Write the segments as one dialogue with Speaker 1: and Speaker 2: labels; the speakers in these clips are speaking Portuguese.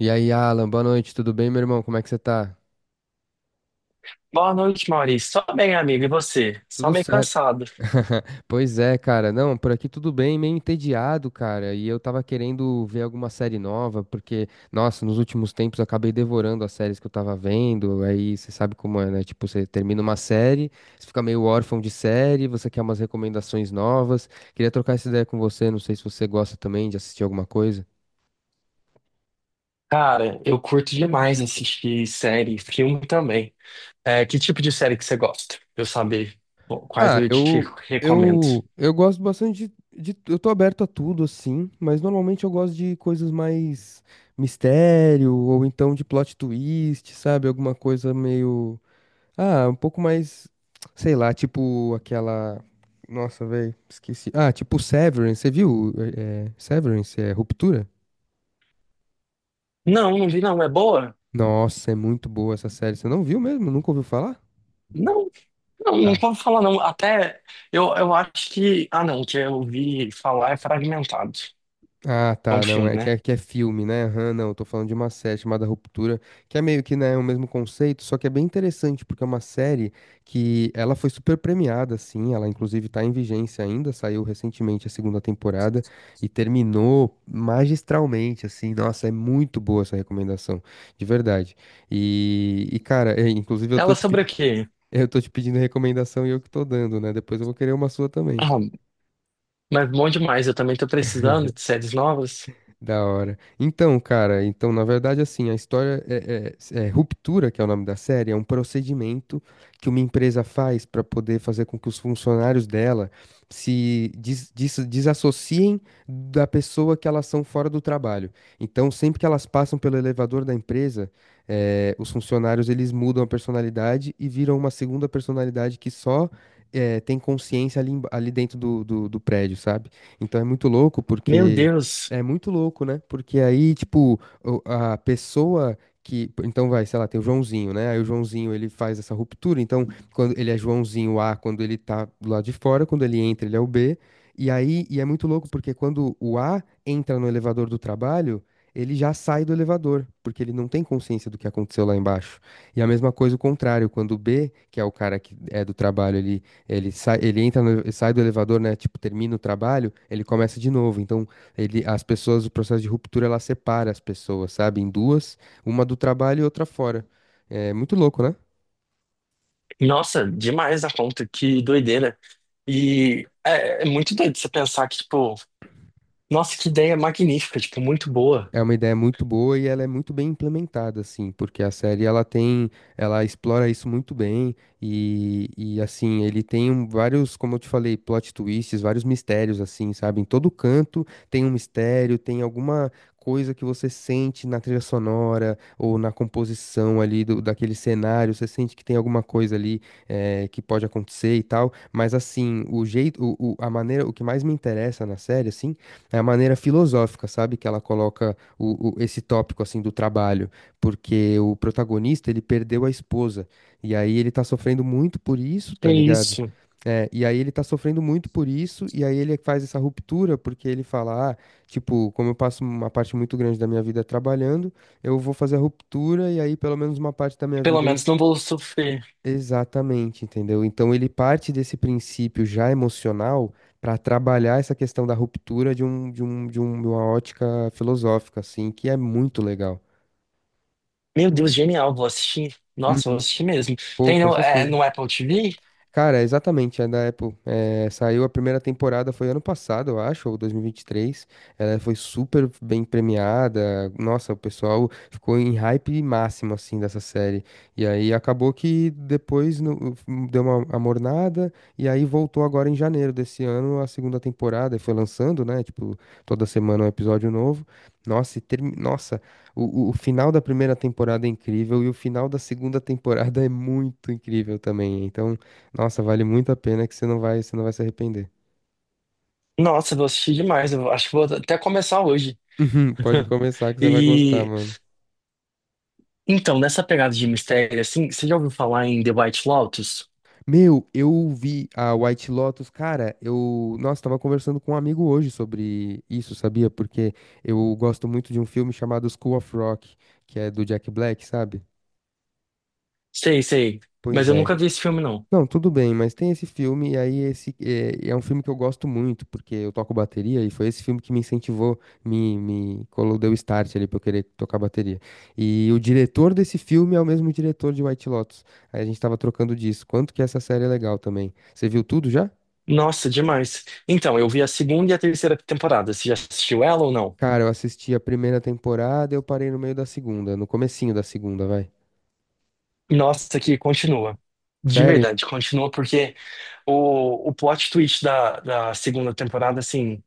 Speaker 1: E aí, Alan, boa noite, tudo bem, meu irmão? Como é que você tá?
Speaker 2: Boa noite, Maurício. Só bem, amigo, e você? Só
Speaker 1: Tudo
Speaker 2: meio
Speaker 1: certo.
Speaker 2: cansado.
Speaker 1: Pois é, cara. Não, por aqui tudo bem, meio entediado, cara. E eu tava querendo ver alguma série nova, porque, nossa, nos últimos tempos eu acabei devorando as séries que eu tava vendo. Aí você sabe como é, né? Tipo, você termina uma série, você fica meio órfão de série, você quer umas recomendações novas. Queria trocar essa ideia com você, não sei se você gosta também de assistir alguma coisa.
Speaker 2: Cara, eu curto demais assistir série, filme também. É, que tipo de série que você gosta? Pra eu saber quais
Speaker 1: Ah,
Speaker 2: eu te
Speaker 1: eu,
Speaker 2: recomendo.
Speaker 1: eu gosto bastante Eu tô aberto a tudo, assim, mas normalmente eu gosto de coisas mais mistério, ou então de plot twist, sabe? Alguma coisa meio. Ah, um pouco mais. Sei lá, tipo aquela. Nossa, velho, esqueci. Ah, tipo Severance, você viu? Severance, é Ruptura?
Speaker 2: Não, não vi não. É boa?
Speaker 1: Nossa, é muito boa essa série. Você não viu mesmo? Nunca ouviu falar?
Speaker 2: Não, não, não
Speaker 1: Tá.
Speaker 2: posso falar não. Até eu acho que... Ah, não, que eu ouvi falar é Fragmentado.
Speaker 1: Ah,
Speaker 2: É um
Speaker 1: tá, não,
Speaker 2: filme,
Speaker 1: é que
Speaker 2: né?
Speaker 1: é, que é filme, né? Aham, não, eu tô falando de uma série chamada Ruptura, que é meio que, né, o mesmo conceito, só que é bem interessante, porque é uma série que ela foi super premiada, assim, ela inclusive tá em vigência ainda, saiu recentemente a segunda temporada e terminou magistralmente, assim, nossa, é muito boa essa recomendação, de verdade. E cara, é, inclusive eu tô
Speaker 2: Ela
Speaker 1: te
Speaker 2: sobre o
Speaker 1: pedindo,
Speaker 2: quê?
Speaker 1: eu tô te pedindo recomendação e eu que tô dando, né? Depois eu vou querer uma sua também.
Speaker 2: Ah, mas bom demais. Eu também tô precisando de séries novas.
Speaker 1: Da hora. Então, cara, então, na verdade, assim, a história é Ruptura, que é o nome da série, é um procedimento que uma empresa faz para poder fazer com que os funcionários dela se desassociem da pessoa que elas são fora do trabalho. Então, sempre que elas passam pelo elevador da empresa, os funcionários eles mudam a personalidade e viram uma segunda personalidade que só tem consciência ali, ali dentro do prédio, sabe? Então é muito louco
Speaker 2: Meu
Speaker 1: porque.
Speaker 2: Deus.
Speaker 1: É muito louco, né? Porque aí, tipo, a pessoa que. Então vai, sei lá, tem o Joãozinho, né? Aí o Joãozinho ele faz essa ruptura. Então, quando ele é Joãozinho A, quando ele tá do lado de fora, quando ele entra, ele é o B. E aí, e é muito louco, porque quando o A entra no elevador do trabalho, ele já sai do elevador, porque ele não tem consciência do que aconteceu lá embaixo. E a mesma coisa o contrário, quando o B, que é o cara que é do trabalho, ele sai, ele entra sai do elevador, né? Tipo, termina o trabalho, ele começa de novo. Então, ele, as pessoas, o processo de ruptura, ela separa as pessoas, sabe? Em duas, uma do trabalho e outra fora. É muito louco, né?
Speaker 2: Nossa, demais a conta, que doideira. E é, é muito doido você pensar que, tipo, nossa, que ideia magnífica, tipo, muito boa.
Speaker 1: É uma ideia muito boa e ela é muito bem implementada, assim, porque a série ela tem, ela explora isso muito bem e assim, ele tem vários, como eu te falei, plot twists, vários mistérios, assim, sabe? Em todo canto tem um mistério, tem alguma coisa que você sente na trilha sonora ou na composição ali do, daquele cenário, você sente que tem alguma coisa ali que pode acontecer e tal, mas assim, o jeito, a maneira, o que mais me interessa na série, assim, é a maneira filosófica, sabe? Que ela coloca esse tópico assim do trabalho, porque o protagonista ele perdeu a esposa e aí ele tá sofrendo muito por isso, tá
Speaker 2: É
Speaker 1: ligado?
Speaker 2: isso.
Speaker 1: É, e aí ele tá sofrendo muito por isso, e aí ele faz essa ruptura, porque ele fala, ah, tipo, como eu passo uma parte muito grande da minha vida trabalhando, eu vou fazer a ruptura, e aí pelo menos uma parte da minha
Speaker 2: Pelo
Speaker 1: vida eu
Speaker 2: menos não vou sofrer.
Speaker 1: Exatamente, entendeu? Então ele parte desse princípio já emocional para trabalhar essa questão da ruptura de uma ótica filosófica, assim, que é muito legal.
Speaker 2: Meu Deus, genial, vou assistir. Nossa, vou
Speaker 1: Uhum.
Speaker 2: assistir mesmo.
Speaker 1: Pô,
Speaker 2: Tem
Speaker 1: com
Speaker 2: no, é,
Speaker 1: certeza.
Speaker 2: no Apple TV?
Speaker 1: Cara, exatamente, é da Apple. É, saiu a primeira temporada, foi ano passado, eu acho, ou 2023. Ela foi super bem premiada. Nossa, o pessoal ficou em hype máximo, assim, dessa série. E aí acabou que depois deu uma amornada, e aí voltou agora em janeiro desse ano a segunda temporada. E foi lançando, né? Tipo, toda semana um episódio novo. Nossa, e termi... Nossa, o final da primeira temporada é incrível e o final da segunda temporada é muito incrível também. Então. Nossa, vale muito a pena que você não vai se arrepender.
Speaker 2: Nossa, vou assistir demais. Eu acho que vou até começar hoje.
Speaker 1: Uhum, Pode começar que você vai gostar,
Speaker 2: E
Speaker 1: mano.
Speaker 2: então, nessa pegada de mistério, assim, você já ouviu falar em The White Lotus?
Speaker 1: Meu, eu vi a White Lotus, cara, eu, nossa, tava conversando com um amigo hoje sobre isso, sabia? Porque eu gosto muito de um filme chamado School of Rock, que é do Jack Black, sabe?
Speaker 2: Sei, sei,
Speaker 1: Pois
Speaker 2: mas eu
Speaker 1: é.
Speaker 2: nunca vi esse filme, não.
Speaker 1: Não, tudo bem, mas tem esse filme, e aí esse é, é um filme que eu gosto muito, porque eu toco bateria, e foi esse filme que me incentivou, deu start ali pra eu querer tocar bateria. E o diretor desse filme é o mesmo diretor de White Lotus. Aí a gente tava trocando disso. Quanto que essa série é legal também. Você viu tudo já?
Speaker 2: Nossa, demais. Então, eu vi a segunda e a terceira temporada. Você já assistiu ela ou não?
Speaker 1: Cara, eu assisti a primeira temporada, eu parei no meio da segunda, no comecinho da segunda, vai.
Speaker 2: Nossa, que continua. De
Speaker 1: Sério?
Speaker 2: verdade, continua porque o plot twist da, da segunda temporada, assim,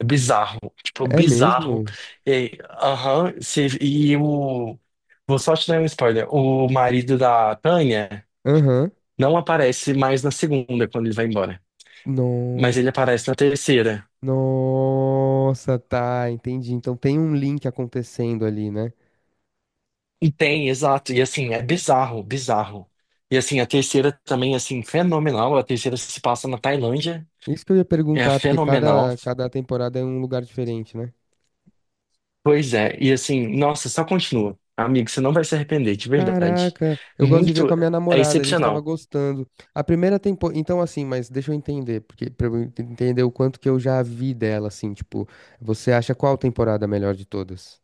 Speaker 2: é bizarro. Tipo,
Speaker 1: É
Speaker 2: bizarro.
Speaker 1: mesmo?
Speaker 2: E, aham, cê- e o. Vou só te dar um spoiler. O marido da Tânia
Speaker 1: Aham.
Speaker 2: não aparece mais na segunda quando ele vai embora. Mas ele aparece na terceira.
Speaker 1: Nossa, tá, entendi. Então tem um link acontecendo ali, né?
Speaker 2: E tem, exato. E assim, é bizarro, bizarro. E assim, a terceira também, assim, fenomenal. A terceira se passa na Tailândia.
Speaker 1: Isso que eu ia
Speaker 2: É
Speaker 1: perguntar, porque
Speaker 2: fenomenal.
Speaker 1: cada temporada é um lugar diferente, né?
Speaker 2: Pois é. E assim, nossa, só continua. Amigo, você não vai se arrepender, de verdade.
Speaker 1: Caraca, eu gosto de ver
Speaker 2: Muito,
Speaker 1: com a minha
Speaker 2: é
Speaker 1: namorada, a gente tava
Speaker 2: excepcional.
Speaker 1: gostando. A primeira temporada. Então, assim, mas deixa eu entender, porque pra eu entender o quanto que eu já vi dela, assim, tipo, você acha qual temporada a melhor de todas?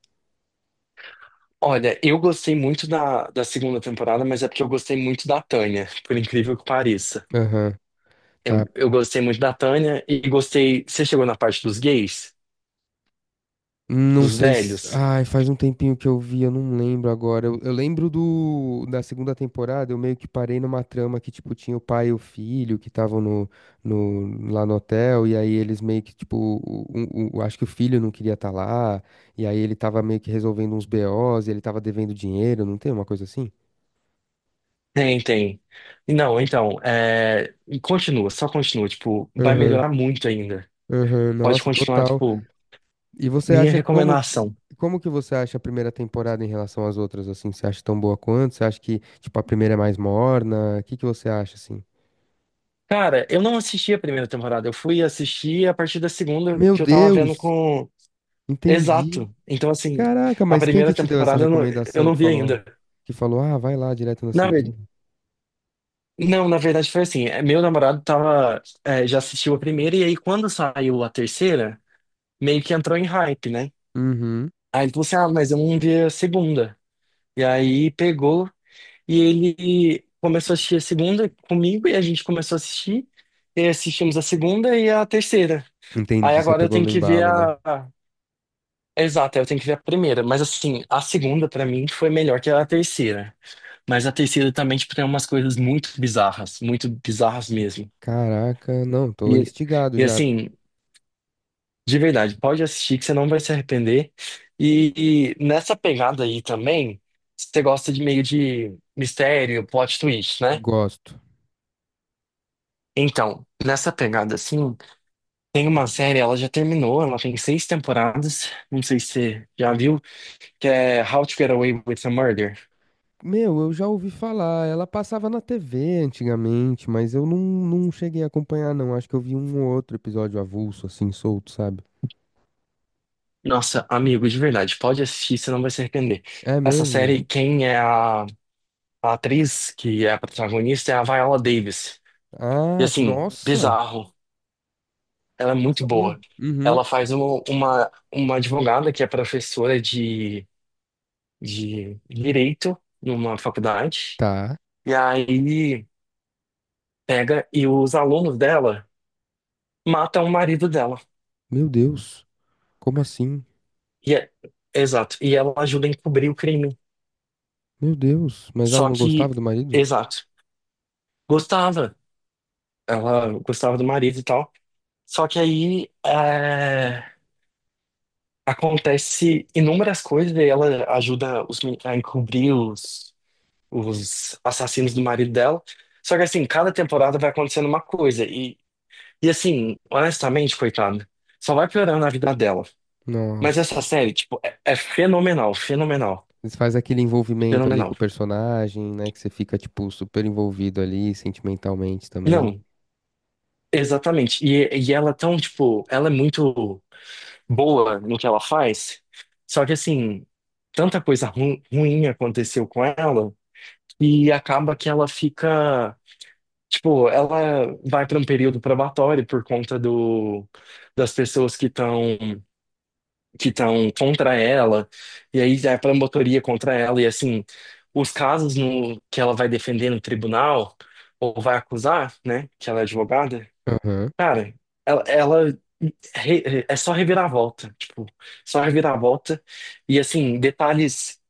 Speaker 2: Olha, eu gostei muito da, da segunda temporada, mas é porque eu gostei muito da Tânia, por incrível que pareça.
Speaker 1: Aham,
Speaker 2: Eu,
Speaker 1: tá.
Speaker 2: eu gostei muito da Tânia e gostei. Você chegou na parte dos gays?
Speaker 1: Não
Speaker 2: Dos
Speaker 1: sei se.
Speaker 2: velhos?
Speaker 1: Ai, faz um tempinho que eu vi, eu não lembro agora. Eu lembro do da segunda temporada, eu meio que parei numa trama que, tipo, tinha o pai e o filho que estavam no, no, lá no hotel, e aí eles meio que, tipo, acho que o filho não queria estar lá, e aí ele tava meio que resolvendo uns BOs, e ele tava devendo dinheiro, não tem uma coisa assim?
Speaker 2: Tem, tem. Não, então, é... e continua, só continua, tipo, vai
Speaker 1: Aham,
Speaker 2: melhorar muito ainda.
Speaker 1: aham,
Speaker 2: Pode
Speaker 1: nossa,
Speaker 2: continuar,
Speaker 1: total.
Speaker 2: tipo,
Speaker 1: E você
Speaker 2: minha
Speaker 1: acha como
Speaker 2: recomendação.
Speaker 1: como que você acha a primeira temporada em relação às outras assim? Você acha tão boa quanto? Você acha que tipo a primeira é mais morna? O que que você acha assim?
Speaker 2: Cara, eu não assisti a primeira temporada, eu fui assistir a partir da segunda
Speaker 1: Meu
Speaker 2: que eu tava vendo
Speaker 1: Deus,
Speaker 2: com.
Speaker 1: entendi.
Speaker 2: Exato. Então, assim,
Speaker 1: Caraca,
Speaker 2: a
Speaker 1: mas quem que
Speaker 2: primeira
Speaker 1: te deu essa
Speaker 2: temporada eu
Speaker 1: recomendação
Speaker 2: não vi ainda.
Speaker 1: que falou: "Ah, vai lá direto na
Speaker 2: Na
Speaker 1: segunda"?
Speaker 2: verdade, não, na verdade foi assim, é, meu namorado tava, é, já assistiu a primeira, e aí quando saiu a terceira, meio que entrou em hype, né?
Speaker 1: Uhum.
Speaker 2: Aí ele falou assim, ah, mas eu não vi a segunda. E aí pegou. E ele começou a assistir a segunda comigo e a gente começou a assistir. E assistimos a segunda e a terceira. Aí
Speaker 1: Entendi, você
Speaker 2: agora eu
Speaker 1: pegou
Speaker 2: tenho
Speaker 1: no
Speaker 2: que ver
Speaker 1: embalo, né?
Speaker 2: a. a- Exato, eu tenho que ver a primeira. Mas assim, a segunda pra mim foi melhor que a terceira. Mas a terceira também, tipo, tem umas coisas muito bizarras mesmo.
Speaker 1: Caraca, não, tô
Speaker 2: E,
Speaker 1: instigado
Speaker 2: e
Speaker 1: já.
Speaker 2: assim, de verdade, pode assistir que você não vai se arrepender. E nessa pegada aí também, você gosta de meio de mistério, plot twist, né?
Speaker 1: Gosto.
Speaker 2: Então, nessa pegada assim, tem uma série, ela já terminou, ela tem seis temporadas, não sei se você já viu, que é How to Get Away with a Murder.
Speaker 1: Meu, eu já ouvi falar. Ela passava na TV antigamente, mas eu não, não cheguei a acompanhar, não. Acho que eu vi um ou outro episódio avulso, assim, solto, sabe?
Speaker 2: Nossa, amigo, de verdade, pode assistir, você não vai se arrepender.
Speaker 1: É
Speaker 2: Essa
Speaker 1: mesmo?
Speaker 2: série, quem é a atriz que é a protagonista é a Viola Davis. E
Speaker 1: Ah,
Speaker 2: assim,
Speaker 1: nossa!
Speaker 2: bizarro, ela é
Speaker 1: Não
Speaker 2: muito
Speaker 1: sabia.
Speaker 2: boa.
Speaker 1: Uhum.
Speaker 2: Ela faz uma advogada que é professora de direito numa faculdade.
Speaker 1: Tá.
Speaker 2: E aí. Pega e os alunos dela matam o marido dela.
Speaker 1: Meu Deus. Como assim?
Speaker 2: E é- exato. E ela ajuda a encobrir o crime.
Speaker 1: Meu Deus. Mas ela
Speaker 2: Só
Speaker 1: não
Speaker 2: que,
Speaker 1: gostava do marido?
Speaker 2: exato. Gostava. Ela gostava do marido e tal. Só que aí é, acontece inúmeras coisas e ela ajuda os men- a encobrir os assassinos do marido dela. Só que assim, cada temporada vai acontecendo uma coisa. E assim, honestamente, coitada, só vai piorando a vida dela. Mas essa
Speaker 1: Nossa.
Speaker 2: série, tipo, é, é fenomenal, fenomenal,
Speaker 1: Eles faz aquele envolvimento ali com o
Speaker 2: fenomenal.
Speaker 1: personagem, né? Que você fica, tipo, super envolvido ali, sentimentalmente também.
Speaker 2: Não, exatamente. E ela é tão, tipo, ela é muito boa no que ela faz. Só que, assim, tanta coisa ru ruim aconteceu com ela e acaba que ela fica, tipo, ela vai para um período probatório por conta do, das pessoas que estão contra ela, e aí a promotoria contra ela, e assim, os casos no, que ela vai defender no tribunal, ou vai acusar, né, que ela é advogada,
Speaker 1: Aham.
Speaker 2: cara, ela é só reviravolta, tipo, só reviravolta, e assim, detalhes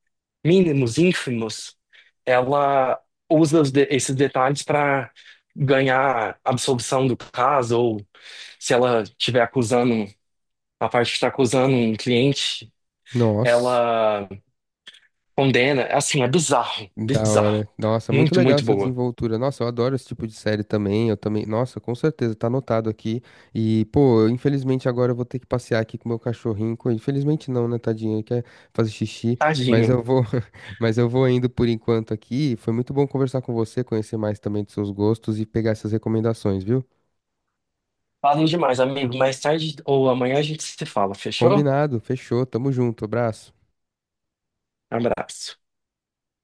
Speaker 2: mínimos, ínfimos, ela usa esses detalhes para ganhar absolvição do caso, ou se ela estiver acusando, a parte que está acusando um cliente
Speaker 1: Nossa.
Speaker 2: ela condena, é assim, é bizarro,
Speaker 1: Da
Speaker 2: bizarro.
Speaker 1: hora. Nossa, muito
Speaker 2: Muito,
Speaker 1: legal
Speaker 2: muito
Speaker 1: essa
Speaker 2: boa.
Speaker 1: desenvoltura. Nossa, eu adoro esse tipo de série também. Eu também. Nossa, com certeza, tá anotado aqui. E, pô, eu, infelizmente agora eu vou ter que passear aqui com o meu cachorrinho. Infelizmente não, né, tadinho? Ele quer fazer xixi. Mas
Speaker 2: Tadinho.
Speaker 1: eu vou, mas eu vou indo por enquanto aqui. Foi muito bom conversar com você, conhecer mais também dos seus gostos e pegar essas recomendações, viu?
Speaker 2: Falo demais, amigo. Mais tarde ou amanhã a gente se fala, fechou?
Speaker 1: Combinado, fechou. Tamo junto. Abraço.
Speaker 2: Abraço.